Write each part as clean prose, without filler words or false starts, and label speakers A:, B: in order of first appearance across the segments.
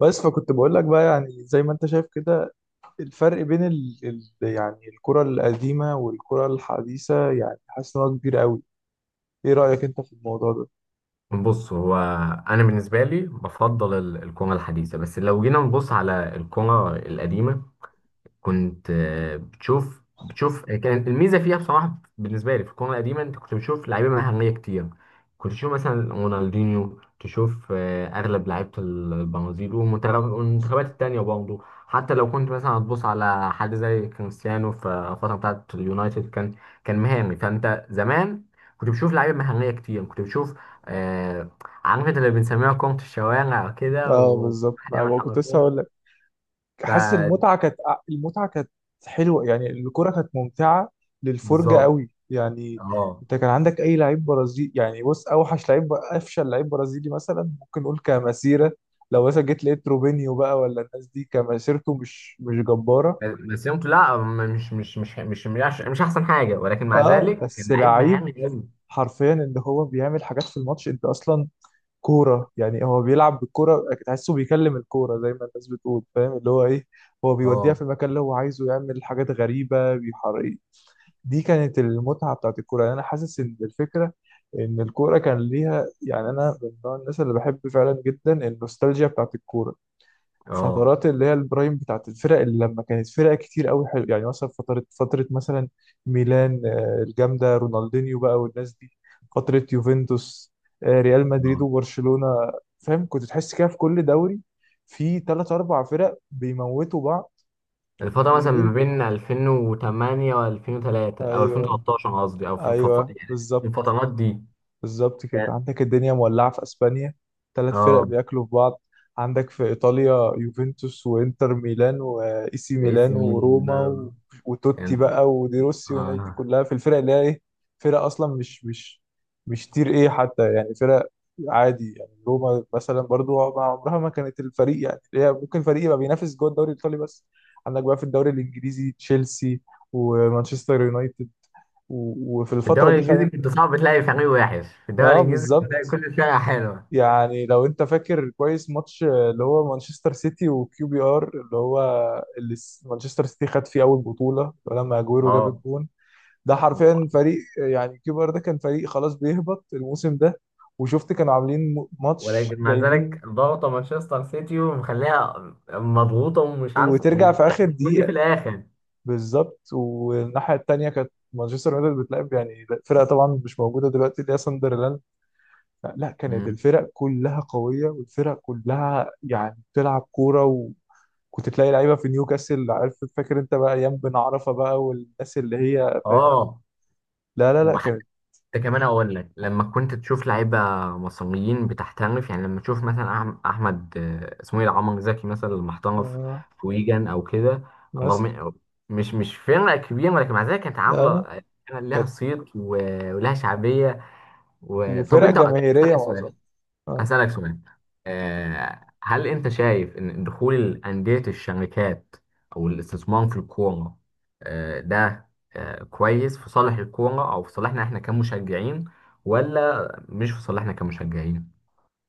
A: بس فكنت بقول لك بقى يعني زي ما انت شايف كده. الفرق بين يعني الكرة القديمة والكرة الحديثة، يعني حاسس ان هو كبير قوي. ايه رأيك انت في الموضوع ده؟
B: بص، هو... انا بالنسبه لي بفضل القومه الحديثه، بس لو جينا نبص على القومه القديمه، كنت بتشوف كان الميزه فيها، بصراحه، بالنسبه لي في الكوره القديمه، انت كنت بتشوف لعيبه مهاريه كتير. كنت تشوف مثلا رونالدينيو، تشوف اغلب لعيبه البرازيل، والمنتخبات التانيه برضه. حتى لو كنت مثلا هتبص على حد زي كريستيانو في الفتره بتاعت اليونايتد، كان مهاري. فانت زمان كنت بتشوف لعيبه مهاريه كتير، كنت بتشوف. آه عارف انت اللي بنسميها كرة الشوارع كده،
A: اه بالظبط،
B: وواحد
A: ما
B: يعمل
A: هو كنت لسه
B: حركات.
A: هقول لك. حاسس المتعة كانت، المتعة كانت حلوة، يعني الكرة كانت ممتعة للفرجة
B: فبالظبط.
A: قوي يعني.
B: اه.
A: انت كان عندك اي لعيب برازيلي، يعني بص اوحش لعيب، افشل لعيب برازيلي مثلا ممكن نقول كمسيرة، لو مثلا جيت لقيت روبينيو بقى ولا الناس دي كمسيرته مش جبارة.
B: بس يمكن لا، مش احسن حاجه، ولكن مع
A: اه
B: ذلك
A: بس
B: كان لعيب
A: لعيب
B: مهاري قوي.
A: حرفيا ان هو بيعمل حاجات في الماتش، انت اصلا كوره، يعني هو بيلعب بالكوره تحسه بيكلم الكوره زي ما الناس بتقول، فاهم اللي هو ايه، هو بيوديها
B: اه.
A: في المكان اللي هو عايزه، يعمل حاجات غريبه بيحرق. دي كانت المتعه بتاعت الكوره، يعني انا حاسس ان الفكره ان الكوره كان ليها، يعني انا من نوع الناس اللي بحب فعلا جدا النوستالجيا بتاعت الكوره،
B: اه.
A: فترات اللي هي البرايم بتاعت الفرق اللي لما كانت فرق كتير قوي حلو، يعني مثلا فترة مثلا ميلان الجامدة رونالدينيو بقى والناس دي، فترة يوفنتوس، ريال مدريد
B: آه.
A: وبرشلونة. فاهم كنت تحس كده في كل دوري في ثلاث أربع فرق بيموتوا بعض.
B: الفتره مثلا
A: ودول
B: ما بين
A: بقى-
B: 2008 و2003، او
A: ايوه،
B: 2013 قصدي، او في الف...
A: ايوه
B: يعني في
A: بالظبط.
B: الفترات دي.
A: بالظبط كده،
B: كان-
A: عندك الدنيا مولعة في اسبانيا، ثلاث فرق
B: اه.
A: بياكلوا في بعض، عندك في ايطاليا يوفنتوس وانتر ميلان واي سي
B: باي
A: ميلان
B: سي ميلان
A: وروما
B: بقى.
A: و... وتوتي
B: كانت.
A: بقى ودي روسي والناس دي
B: اه.
A: كلها في الفرق اللي هي ايه، فرق اصلا مش تير ايه حتى، يعني فرق عادي، يعني روما مثلا برضو عمرها ما كانت الفريق، يعني هي ممكن فريق يبقى بينافس جوه الدوري الايطالي بس. عندك بقى في الدوري الانجليزي تشيلسي ومانشستر يونايتد و... وفي
B: في
A: الفترة
B: الدوري
A: دي
B: الانجليزي كنت صعب تلاقي فريق وحش. في الدوري
A: اه
B: الانجليزي كنت تلاقي
A: بالظبط.
B: كل فرقه حلوه.
A: يعني لو انت فاكر كويس ماتش اللي هو مانشستر سيتي وكيو بي ار، اللي هو مانشستر سيتي خد فيه اول بطولة لما اجويرو جاب الجون. ده حرفيا
B: اه.
A: فريق، يعني كيو بي ار ده كان فريق خلاص بيهبط الموسم ده، وشفت كانوا عاملين ماتش
B: ولكن مع
A: جايبين،
B: ذلك ضغطة مانشستر سيتي، ومخليها مضغوطة ومش عارف،
A: وترجع في اخر
B: وهتجيلي في
A: دقيقة.
B: الآخر.
A: بالظبط، والناحية التانية كانت مانشستر يونايتد بتلعب يعني فرقة طبعا مش موجودة دلوقتي اللي هي ساندرلاند. لا، كانت
B: مم.
A: الفرق كلها قوية والفرق كلها يعني بتلعب كورة. كنت تلاقي لعيبه في نيوكاسل، عارف، فاكر انت بقى ايام بن عرفه بقى والناس اللي هي فاهم.
B: اه.
A: لا لا لا
B: وحتى
A: كانت
B: كمان اقول لك، لما كنت تشوف لعيبه مصريين بتحترف، يعني لما تشوف مثلا احمد، اسمه ايه ده؟ عمر زكي مثلا لما احترف
A: آه
B: في ويجن او كده.
A: مثلا
B: رغم مش فرقه كبيره، ولكن مع ذلك كانت عامله،
A: آه
B: كان لها
A: كانت،
B: صيت ولها شعبيه و... طب
A: وفرق
B: انت طب
A: جماهيريه
B: اسالك
A: معظمها
B: سؤال
A: آه.
B: هسألك سؤال. هل أنت شايف إن دخول أندية الشركات أو الاستثمار في الكورة، آه، ده آه، كويس في صالح الكورة أو في صالحنا إحنا كمشجعين، ولا مش في صالحنا كمشجعين؟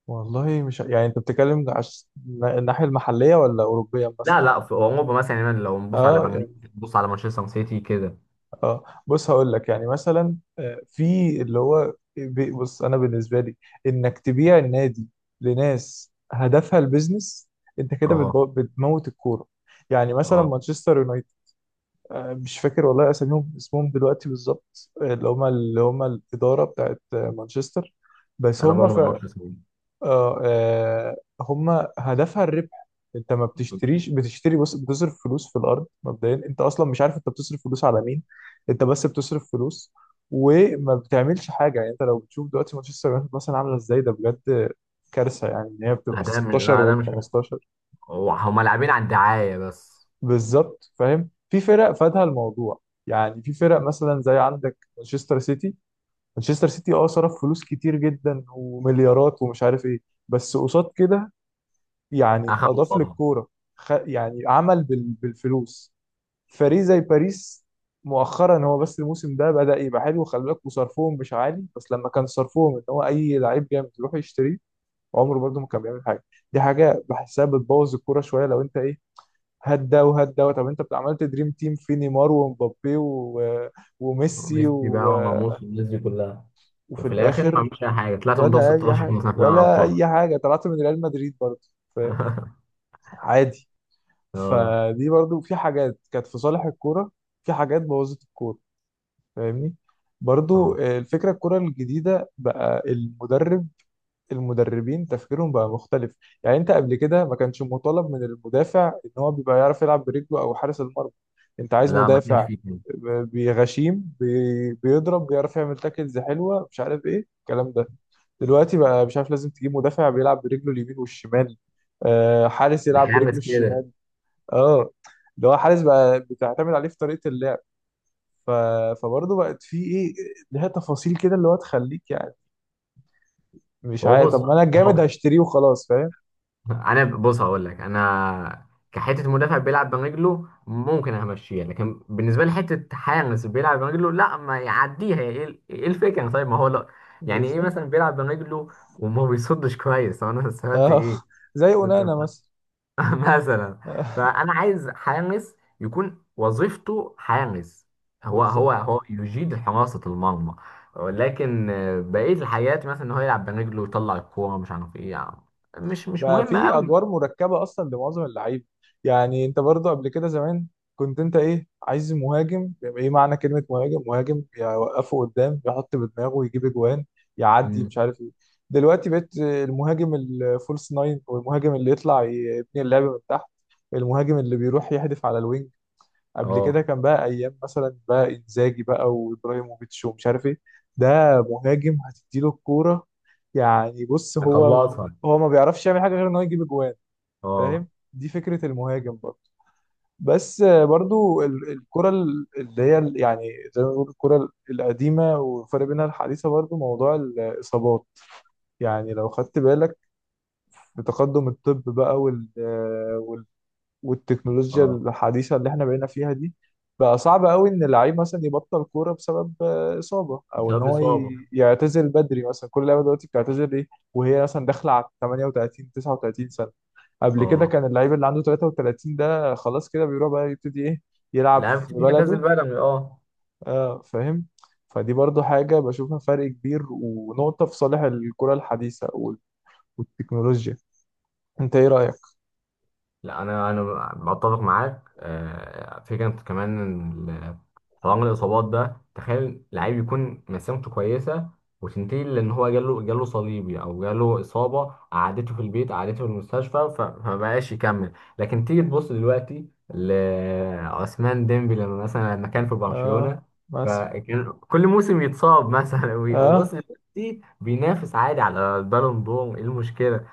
A: والله مش يعني، انت بتتكلم الناحيه المحليه ولا اوروبيه
B: لا،
A: مثلا؟
B: لا، في أوروبا مثلا. يعني لو نبص على
A: اه
B: برلين،
A: يعني،
B: نبص على مانشستر سيتي كده.
A: اه بص هقول لك، يعني مثلا في بص انا بالنسبه لي انك تبيع النادي لناس هدفها البيزنس، انت كده
B: أه.
A: بتموت الكوره. يعني مثلا
B: أه.
A: مانشستر، مش فاكر والله اساميهم، اسمهم دلوقتي بالظبط، اللي هم الاداره بتاعت مانشستر، بس
B: أنا
A: هم ف
B: برضه ما أعرفش اسمه.
A: آه، آه، هم هدفها الربح. انت ما بتشتريش، بتشتري بص، بتصرف فلوس في الارض، مبدئيا انت اصلا مش عارف انت بتصرف فلوس على مين، انت بس بتصرف فلوس وما بتعملش حاجه، يعني انت لو بتشوف دلوقتي مانشستر يونايتد مثلا عامله ازاي، ده بجد كارثه، يعني ان هي بتبقى ال 16
B: لا ده
A: وال
B: مش حلو.
A: 15.
B: هما لاعبين على الدعاية بس.
A: بالظبط فاهم، في فرق فادها الموضوع، يعني في فرق مثلا زي عندك مانشستر سيتي، مانشستر سيتي اه صرف فلوس كتير جدا ومليارات ومش عارف ايه، بس قصاد كده يعني
B: أخدوا
A: اضاف
B: قصادها.
A: للكوره، يعني عمل بالفلوس فريق زي باريس. مؤخرا هو بس الموسم ده بدأ يبقى حلو، خلي بالك، وصرفهم مش عالي، بس لما كان صرفهم ان هو اي لعيب جامد يروح يشتريه عمره برده ما كان بيعمل حاجه. دي حاجه بحسها بتبوظ الكوره شويه، لو انت ايه، هات ده وهات ده، طب انت عملت دريم تيم في نيمار ومبابي و... وميسي
B: ميسي بقى
A: و...
B: وراموس والناس دي كلها،
A: وفي
B: وفي الاخر ما
A: الاخر
B: عملش اي حاجه، طلعت من دور
A: ولا اي
B: 16
A: حاجه،
B: مثلا في دوري
A: ولا
B: الابطال.
A: اي حاجه طلعت من ريال مدريد برضه، فاهم، عادي.
B: اه.
A: فدي برضه في حاجات كانت في صالح الكوره، في حاجات بوظت الكوره، فاهمني. برضه
B: اه.
A: الفكره، الكوره الجديده بقى، المدرب، المدربين تفكيرهم بقى مختلف، يعني انت قبل كده ما كانش مطالب من المدافع ان هو بيبقى يعرف يلعب برجله او حارس المرمى، انت عايز
B: لا ما كانش
A: مدافع
B: فيه كده.
A: بيضرب بيعرف يعمل تاكلز حلوه مش عارف ايه الكلام ده، دلوقتي بقى مش عارف لازم تجيب مدافع بيلعب برجله اليمين والشمال، حارس يلعب برجله
B: بيحنس كده.
A: الشمال. اه، اللي هو حارس بقى بتعتمد عليه في طريقه اللعب، ف... فبرضه بقت في ايه، لها تفاصيل كده اللي هو تخليك يعني مش
B: هو...
A: عارف،
B: بص،
A: طب ما انا
B: هو...
A: الجامد هشتريه وخلاص، فاهم،
B: انا... بص هقول لك، انا كحته مدافع بيلعب برجله ممكن همشيها، لكن بالنسبه لي حته حارس بيلعب برجله، لا ما يعديها. إيه الفكره؟ طيب ما هو لا. يعني ايه
A: بالظبط.
B: مثلا بيلعب برجله وما بيصدش كويس؟ طب انا سمعت
A: اه
B: ايه؟
A: زي
B: انت
A: اونانا مثلا
B: مثلا. فانا عايز حارس يكون وظيفته حارس. هو هو
A: بالظبط.
B: هو يجيد حراسة المرمى. ولكن بقية الحاجات، مثلا ان هو يلعب برجله ويطلع الكورة مش عارف ايه، يعني مش
A: بقى
B: مهم
A: في
B: قوي.
A: ادوار مركبه اصلا لمعظم اللعيبه، يعني انت برضو قبل كده زمان كنت انت ايه عايز مهاجم، يبقى ايه معنى كلمه مهاجم؟ مهاجم يوقفه قدام يحط بدماغه ويجيب اجوان يعدي
B: مم.
A: مش عارف ايه، دلوقتي بقيت المهاجم الفولس ناين، والمهاجم اللي يطلع يبني اللعب من تحت، المهاجم اللي بيروح يحدف على الوينج. قبل كده
B: اه.
A: كان بقى ايام مثلا بقى انزاجي بقى وابراهيموفيتش ومش عارف ايه، ده مهاجم هتديله الكوره، يعني بص هو،
B: هخلصها.
A: هو ما بيعرفش يعمل حاجه غير ان هو يجيب اجوان، فاهم،
B: اه.
A: دي فكره المهاجم برضه. بس برضه الكره يعني زي ما بنقول الكره القديمه والفرق بينها الحديثه، برضه موضوع الاصابات، يعني لو خدت بالك في تقدم الطب بقى وال والتكنولوجيا
B: اه.
A: الحديثة اللي احنا بقينا فيها دي، بقى صعب قوي ان اللعيب مثلا يبطل كورة بسبب إصابة، او ان
B: بسبب
A: هو
B: إصابة.
A: يعتزل بدري، مثلا كل لعيبة دلوقتي بتعتزل ايه، وهي مثلا داخلة على 38 39 سنة. قبل كده
B: اه،
A: كان اللعيب اللي عنده 33 ده خلاص كده بيروح بقى يبتدي ايه، يلعب
B: لا
A: في بلده،
B: بتعتزل بدني. اه.
A: اه فاهم. فدي برضو حاجة بشوفها فرق كبير ونقطة في صالح الكرة الحديثة والتكنولوجيا، انت ايه رأيك؟
B: لا، انا بتفق معاك. فكره كمان إن حوار الاصابات ده. تخيل لعيب يكون مسيرته كويسه وتنتهي لان هو جاله صليبي، او جاله اصابه قعدته في البيت، قعدته في المستشفى، فما بقاش يكمل. لكن تيجي تبص دلوقتي لعثمان ديمبي، لما كان في
A: اه
B: برشلونه،
A: مثلا،
B: فكان كل موسم يتصاب مثلا. وبص
A: اه
B: دلوقتي بينافس عادي على البالون دور. ايه المشكله؟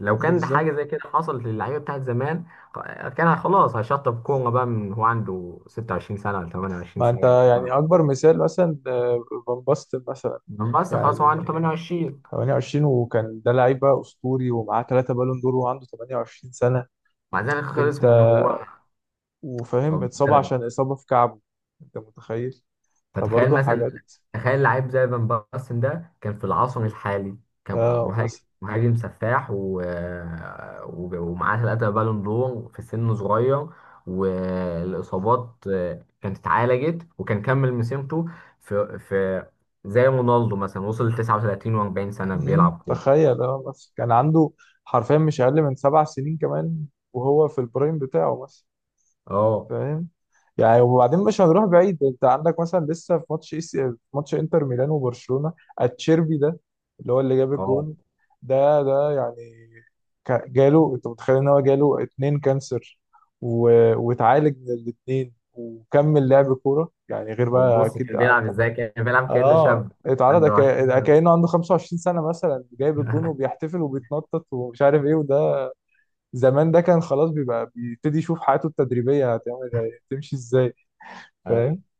B: لو كان ده
A: بالظبط،
B: حاجه زي كده حصلت للعيبه بتاعت زمان، كان خلاص هيشطب كوره بقى، من هو عنده 26 سنه ولا 28
A: ما انت
B: سنه.
A: يعني اكبر مثال مثلا فان باستن مثلا،
B: من بس خلاص هو عنده
A: يعني
B: 28.
A: 28، وكان ده لعيبه اسطوري ومعاه ثلاثه بالون دور وعنده 28 سنه،
B: مع ذلك خلص
A: انت
B: من هو
A: وفاهم
B: أو
A: اتصاب
B: بدأ.
A: عشان اصابه في كعبه، انت متخيل؟
B: فتخيل
A: فبرضه
B: مثلا،
A: حاجات،
B: تخيل لعيب زي فان باستن ده كان في العصر الحالي، كان
A: اه
B: مهاجم
A: مثلا.
B: مهاجم سفاح، ومعاه ثلاثة بالون دور في سن صغير. والإصابات كانت اتعالجت وكان كمل مسيرته. في زي رونالدو مثلا، وصل ل 39 و40 سنة
A: مم،
B: بيلعب كورة.
A: تخيل اه مثلا كان عنده حرفيا مش اقل من 7 سنين كمان وهو في البرايم بتاعه مثلا،
B: اه.
A: فاهم. يعني وبعدين مش هنروح بعيد، انت عندك مثلا لسه في ماتش في ماتش انتر ميلان وبرشلونة، اتشيربي ده اللي هو اللي جاب
B: اه.
A: الجون، ده ده يعني جاله، انت متخيل ان هو جاله اتنين كانسر و... واتعالج من الاتنين وكمل لعب كورة، يعني غير بقى
B: وبص
A: اكيد
B: كان بيلعب ازاي؟ كان بيلعب كأنه
A: اه.
B: شاب
A: اتعرض
B: عنده 20
A: كأنه عنده 25 سنة مثلا، جايب الجون
B: سنة.
A: وبيحتفل وبيتنطط ومش عارف ايه، وده زمان ده كان خلاص بيبقى بيبتدي يشوف حياته التدريبية هتعمل إيه، هتمشي ازاي، فاهم.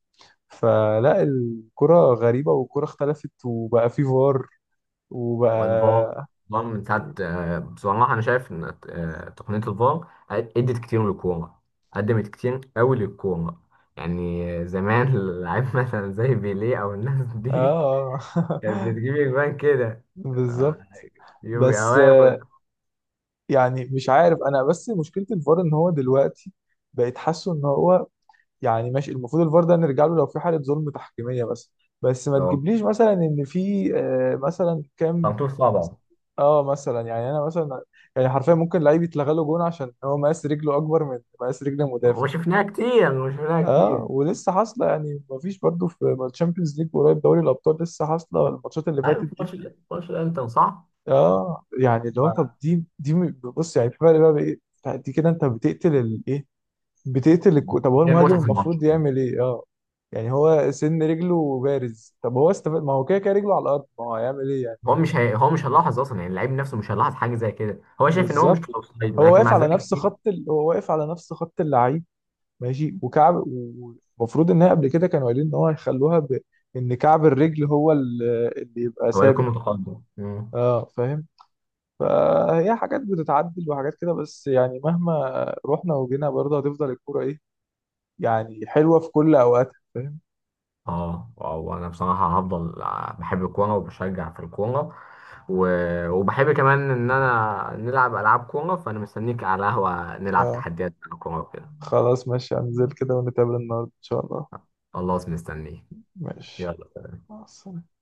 A: فلا، الكرة غريبة والكرة اختلفت، وبقى في فار،
B: والفار
A: وبقى
B: الفار من ساعة، بصراحة أنا شايف إن تقنية الفار أدت كتير للكورة، قدمت كتير أوي للكورة. يعني زمان اللعيب مثلا زي بيليه أو الناس دي
A: اه
B: كانت بتجيب أجوان كده، آه،
A: بالظبط.
B: يوم يبقى
A: بس
B: واقف قد-
A: يعني مش عارف انا، بس مشكلة الفار ان هو دلوقتي بقيت حاسه ان هو، يعني ماشي، المفروض الفار ده نرجع له لو في حالة ظلم تحكيمية بس، بس ما
B: اه،
A: تجيبليش مثلا ان في مثلا كام،
B: خمسة صعبة.
A: اه مثلا يعني انا مثلا، يعني حرفيا ممكن لعيب يتلغى له جون عشان هو مقاس رجله اكبر من مقاس رجل المدافع،
B: وشفناها كتير، وشفناها
A: اه،
B: كتير.
A: ولسه حاصله، يعني مفيش برضو في الشامبيونز ليج قريب، دوري الابطال لسه حاصله الماتشات اللي
B: عارف
A: فاتت دي،
B: ماتش ماتش الأنتر، صح؟
A: اه يعني. اللي هو طب
B: ف-
A: بص، يعني في فرق بقى بايه، دي كده انت بتقتل الايه، طب هو
B: دي
A: المهاجم
B: المتعة في الماتش.
A: المفروض يعمل ايه، اه يعني هو سن رجله بارز، طب هو استفاد، ما هو كده كده رجله على الارض، ما هو هيعمل ايه يعني.
B: هو مش هيلاحظ أصلا، يعني اللعيب نفسه مش هيلاحظ حاجة زي كده. هو شايف إن هو مش
A: بالظبط،
B: في الأوفسايد،
A: هو
B: ولكن
A: واقف
B: مع
A: على
B: ذلك
A: نفس هو واقف على نفس خط اللعيب، ماشي وكعب، ومفروض ان هي قبل كده كانوا قايلين ان هو هيخلوها ب...، ان كعب الرجل هو اللي يبقى
B: هو
A: ثابت،
B: يكون متقدم. مم.
A: اه فاهم. فهي حاجات بتتعدل وحاجات كده، بس يعني مهما رحنا وجينا برضه هتفضل الكوره ايه، يعني حلوه في كل اوقاتها، فاهم.
B: اه. اه. وانا بصراحه هفضل بحب الكوره، وبشجع في الكوره و... وبحب كمان ان انا نلعب العاب كوره. فانا مستنيك على قهوه نلعب
A: آه.
B: تحديات كوره وكده.
A: خلاص ماشي، هنزل كده ونتقابل النهارده ان شاء الله،
B: خلاص مستنيك.
A: ماشي،
B: يلا.
A: مع السلامه.